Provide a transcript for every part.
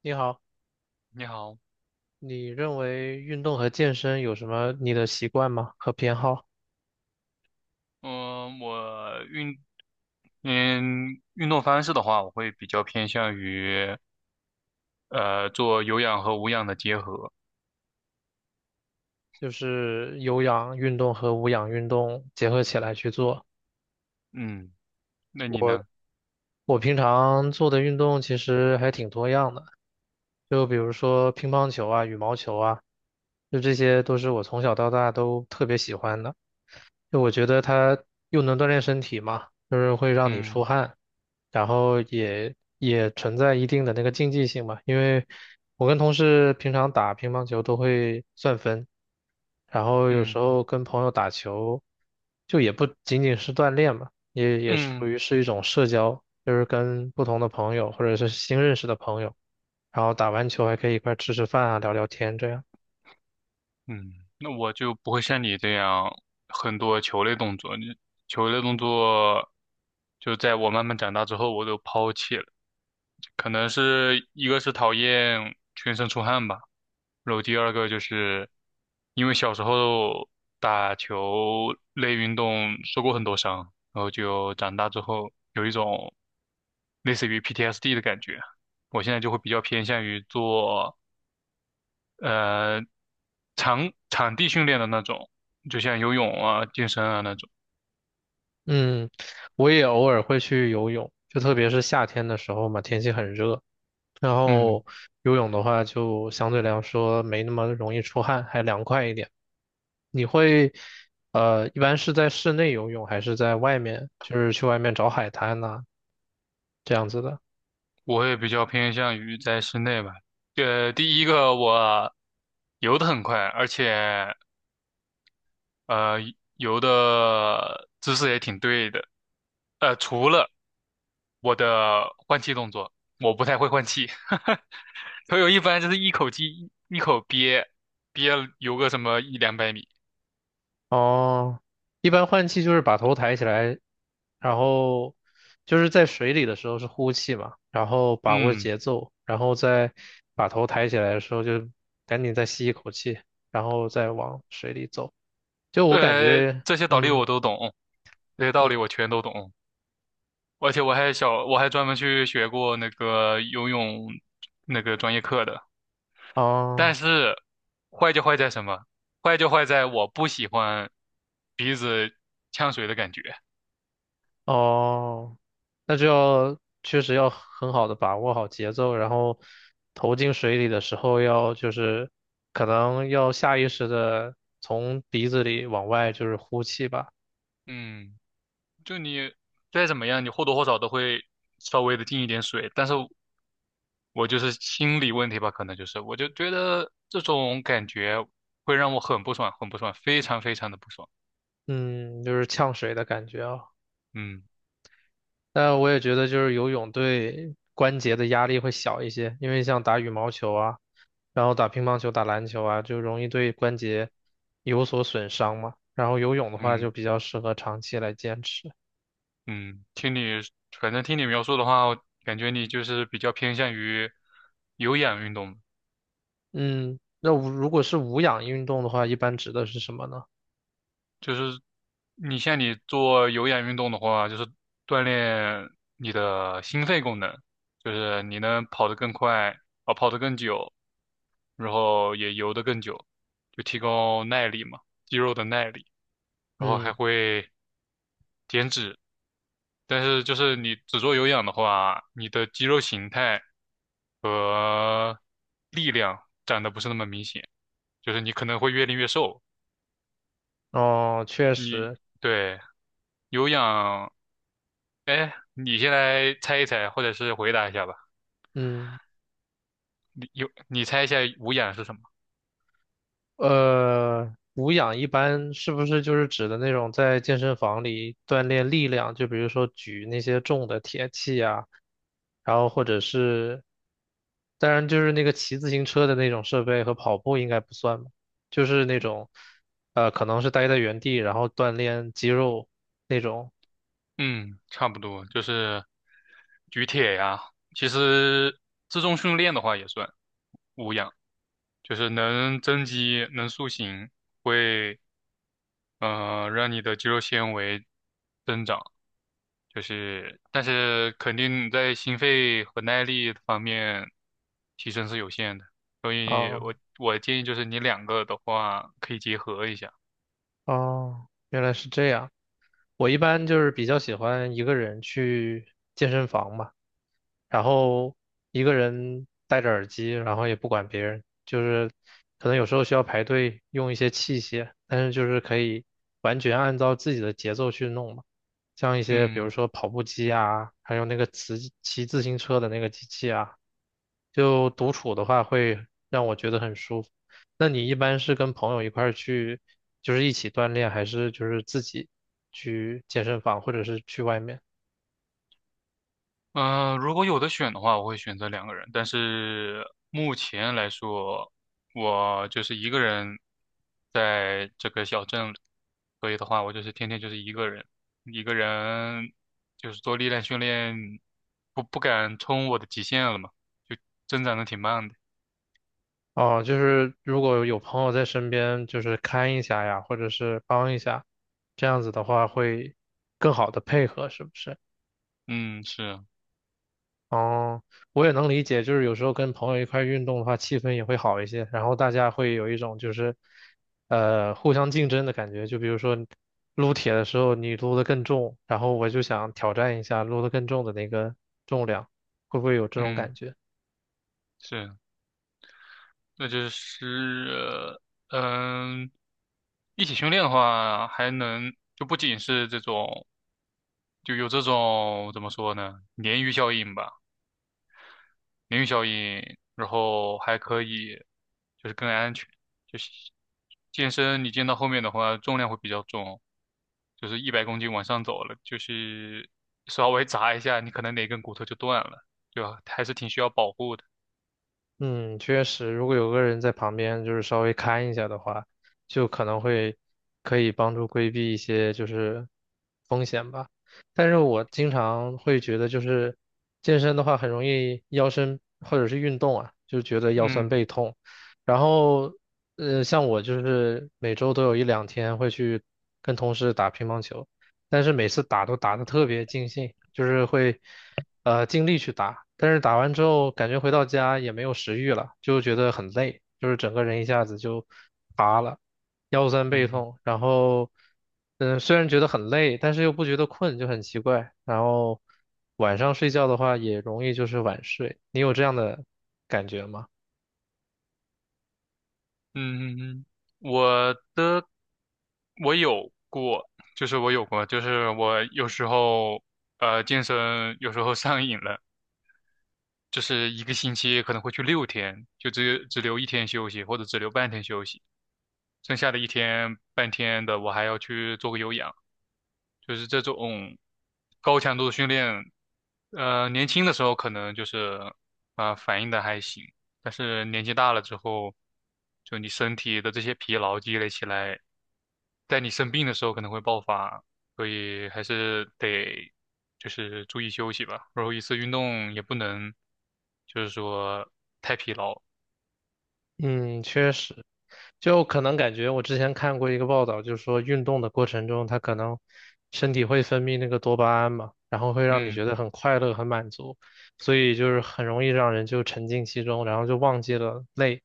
你好，你好，你认为运动和健身有什么你的习惯吗？和偏好？嗯，我运，嗯，运动方式的话，我会比较偏向于做有氧和无氧的结合。就是有氧运动和无氧运动结合起来去做。嗯，那你呢？我平常做的运动其实还挺多样的，就比如说乒乓球啊、羽毛球啊，就这些都是我从小到大都特别喜欢的。就我觉得它又能锻炼身体嘛，就是会让你出嗯汗，然后也存在一定的那个竞技性嘛，因为我跟同事平常打乒乓球都会算分，然后有时嗯候跟朋友打球，就也不仅仅是锻炼嘛，也属嗯于是一种社交，就是跟不同的朋友或者是新认识的朋友，然后打完球还可以一块儿吃吃饭啊，聊聊天这样。嗯，那我就不会像你这样很多球类动作，球类动作就在我慢慢长大之后，我都抛弃了。可能是一个是讨厌全身出汗吧，然后第二个就是因为小时候打球类运动受过很多伤，然后就长大之后有一种类似于 PTSD 的感觉。我现在就会比较偏向于做呃场地训练的那种，就像游泳啊、健身啊那种。嗯，我也偶尔会去游泳，就特别是夏天的时候嘛，天气很热，然嗯，后游泳的话就相对来说没那么容易出汗，还凉快一点。你会，一般是在室内游泳还是在外面，就是去外面找海滩呐、这样子的？我也比较偏向于在室内吧。第一个我游得很快，而且呃游的姿势也挺对的。除了我的换气动作，我不太会换气。朋友一般就是一口气一口憋，憋游个什么一两百米。哦，一般换气就是把头抬起来，然后就是在水里的时候是呼气嘛，然后把握嗯，节奏，然后再把头抬起来的时候就赶紧再吸一口气，然后再往水里走。就我感觉，这些道理嗯，我都懂，这些道嗯，理我全都懂，而且我还小，我还专门去学过那个游泳那个专业课的。但哦。是坏就坏在什么？坏就坏在我不喜欢鼻子呛水的感觉。哦，那就要确实要很好的把握好节奏，然后投进水里的时候要就是可能要下意识的从鼻子里往外就是呼气吧，嗯。就你再怎么样，你或多或少都会稍微的进一点水，但是我就是心理问题吧，可能就是我就觉得这种感觉会让我很不爽，很不爽，非常非常的不爽。嗯，就是呛水的感觉啊。嗯但我也觉得就是游泳对关节的压力会小一些，因为像打羽毛球啊，然后打乒乓球、打篮球啊，就容易对关节有所损伤嘛。然后游泳的话嗯就比较适合长期来坚持。嗯，反正听你描述的话，我感觉你就是比较偏向于有氧运动，嗯，那无如果是无氧运动的话，一般指的是什么呢？就是像你做有氧运动的话，就是锻炼你的心肺功能，就是你能跑得更快，啊，跑得更久。然后也游得更久，就提高耐力嘛，肌肉的耐力，然后还嗯，会减脂。但是就是你只做有氧的话，你的肌肉形态和力量长得不是那么明显，就是你可能会越练越瘦。哦，确你实，对有氧，哎，你先来猜一猜，或者是回答一下吧。嗯，你有你猜一下无氧是什么？无氧一般是不是就是指的那种在健身房里锻炼力量，就比如说举那些重的铁器啊，然后或者是，当然就是那个骑自行车的那种设备和跑步应该不算吧，就是那种，可能是待在原地然后锻炼肌肉那种嗯，差不多就是举铁呀。其实自重训练的话也算无氧。就是能增肌、能塑形，会让你的肌肉纤维增长。就是，但是肯定在心肺和耐力方面提升是有限的，所以我啊，我建议就是你两个的话可以结合一下。哦，原来是这样。我一般就是比较喜欢一个人去健身房嘛，然后一个人戴着耳机，然后也不管别人，就是可能有时候需要排队用一些器械，但是就是可以完全按照自己的节奏去弄嘛，像一些比嗯。如说跑步机啊，还有那个骑自行车的那个机器啊，就独处的话会让我觉得很舒服。那你一般是跟朋友一块儿去，就是一起锻炼，还是就是自己去健身房，或者是去外面？如果有的选的话，我会选择两个人，但是目前来说，我就是一个人在这个小镇里，所以的话，我就是天天就是一个人，一个人就是做力量训练，不敢冲我的极限了嘛，就增长的挺慢的。哦，就是如果有朋友在身边，就是看一下呀，或者是帮一下，这样子的话会更好的配合，是不是？嗯，是啊，哦，我也能理解，就是有时候跟朋友一块儿运动的话，气氛也会好一些，然后大家会有一种就是，互相竞争的感觉。就比如说撸铁的时候，你撸的更重，然后我就想挑战一下撸的更重的那个重量，会不会有这种嗯，感觉？是啊，那就是呃嗯。一起训练的话，还能就不仅是这种就有这种怎么说呢，鲶鱼效应吧，鲶鱼效应，然后还可以就是更安全，就是健身你健到后面的话，重量会比较重，就是100公斤往上走了，就是稍微砸一下，你可能哪根骨头就断了，对吧？还是挺需要保护的。嗯，确实，如果有个人在旁边，就是稍微看一下的话，就可能可以帮助规避一些就是风险吧。但是我经常会觉得，就是健身的话很容易腰身或者是运动啊，就觉得腰酸嗯背痛。然后，像我就是每周都有一两天会去跟同事打乒乓球。但是每次打都打得特别尽兴，就是会尽力去打，但是打完之后感觉回到家也没有食欲了，就觉得很累，就是整个人一下子就乏了，腰酸背嗯痛，然后虽然觉得很累，但是又不觉得困，就很奇怪。然后晚上睡觉的话也容易就是晚睡，你有这样的感觉吗？嗯，嗯我的我有过，就是我有过，就是我有时候健身有时候上瘾了。就是一个星期可能会去6天，就只留一天休息，或者只留半天休息，剩下的一天半天的我还要去做个有氧，就是这种高强度的训练，年轻的时候可能就是反应的还行，但是年纪大了之后，就你身体的这些疲劳积累起来，在你生病的时候可能会爆发，所以还是得就是注意休息吧。然后一次运动也不能就是说太疲劳。嗯，确实，就可能感觉我之前看过一个报道，就是说运动的过程中，它可能身体会分泌那个多巴胺嘛，然后会让你嗯觉得很快乐、很满足，所以就是很容易让人就沉浸其中，然后就忘记了累。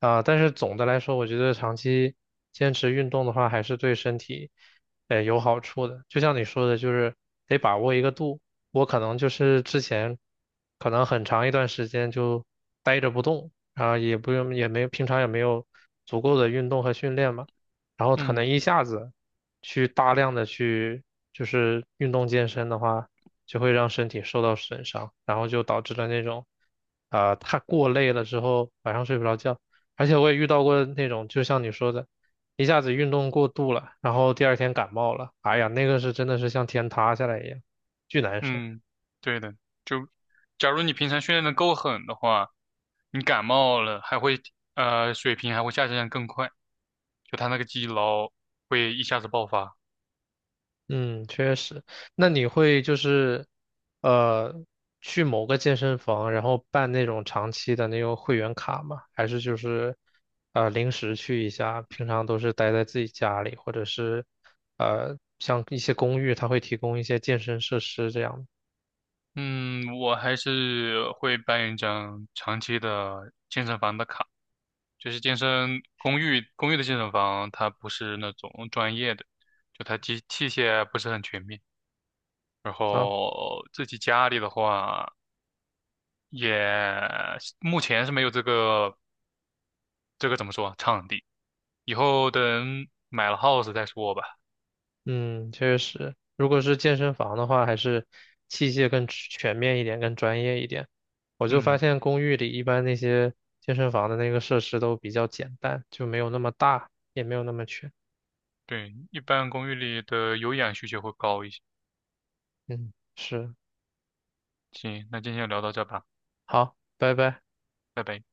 啊，但是总的来说，我觉得长期坚持运动的话，还是对身体，有好处的。就像你说的，就是得把握一个度。我可能就是之前，可能很长一段时间就呆着不动，啊，也不用，也没有，平常也没有足够的运动和训练嘛，然后可嗯能一下子去大量的去就是运动健身的话，就会让身体受到损伤，然后就导致了那种，啊、太过累了之后晚上睡不着觉，而且我也遇到过那种，就像你说的，一下子运动过度了，然后第二天感冒了，哎呀，那个是真的是像天塌下来一样，巨难受。嗯，对的。就假如你平常训练的够狠的话，你感冒了水平还会下降更快，就他那个积劳会一下子爆发。嗯，确实。那你会就是，呃，去某个健身房，然后办那种长期的那种会员卡吗？还是就是，临时去一下？平常都是待在自己家里，或者是，像一些公寓，它会提供一些健身设施这样嗯，我还是会办一张长期的健身房的卡，就是健身公寓的健身房，它不是那种专业的，就它机器械不是很全面。然啊。后自己家里的话，也目前是没有这个怎么说场地，以后等买了 house 再说吧。嗯，确实，如果是健身房的话，还是器械更全面一点，更专业一点。我就发嗯，现公寓里一般那些健身房的那个设施都比较简单，就没有那么大，也没有那么全。对，一般公寓里的有氧需求会高一些。嗯，是，行，那今天就聊到这吧，好，拜拜。拜拜。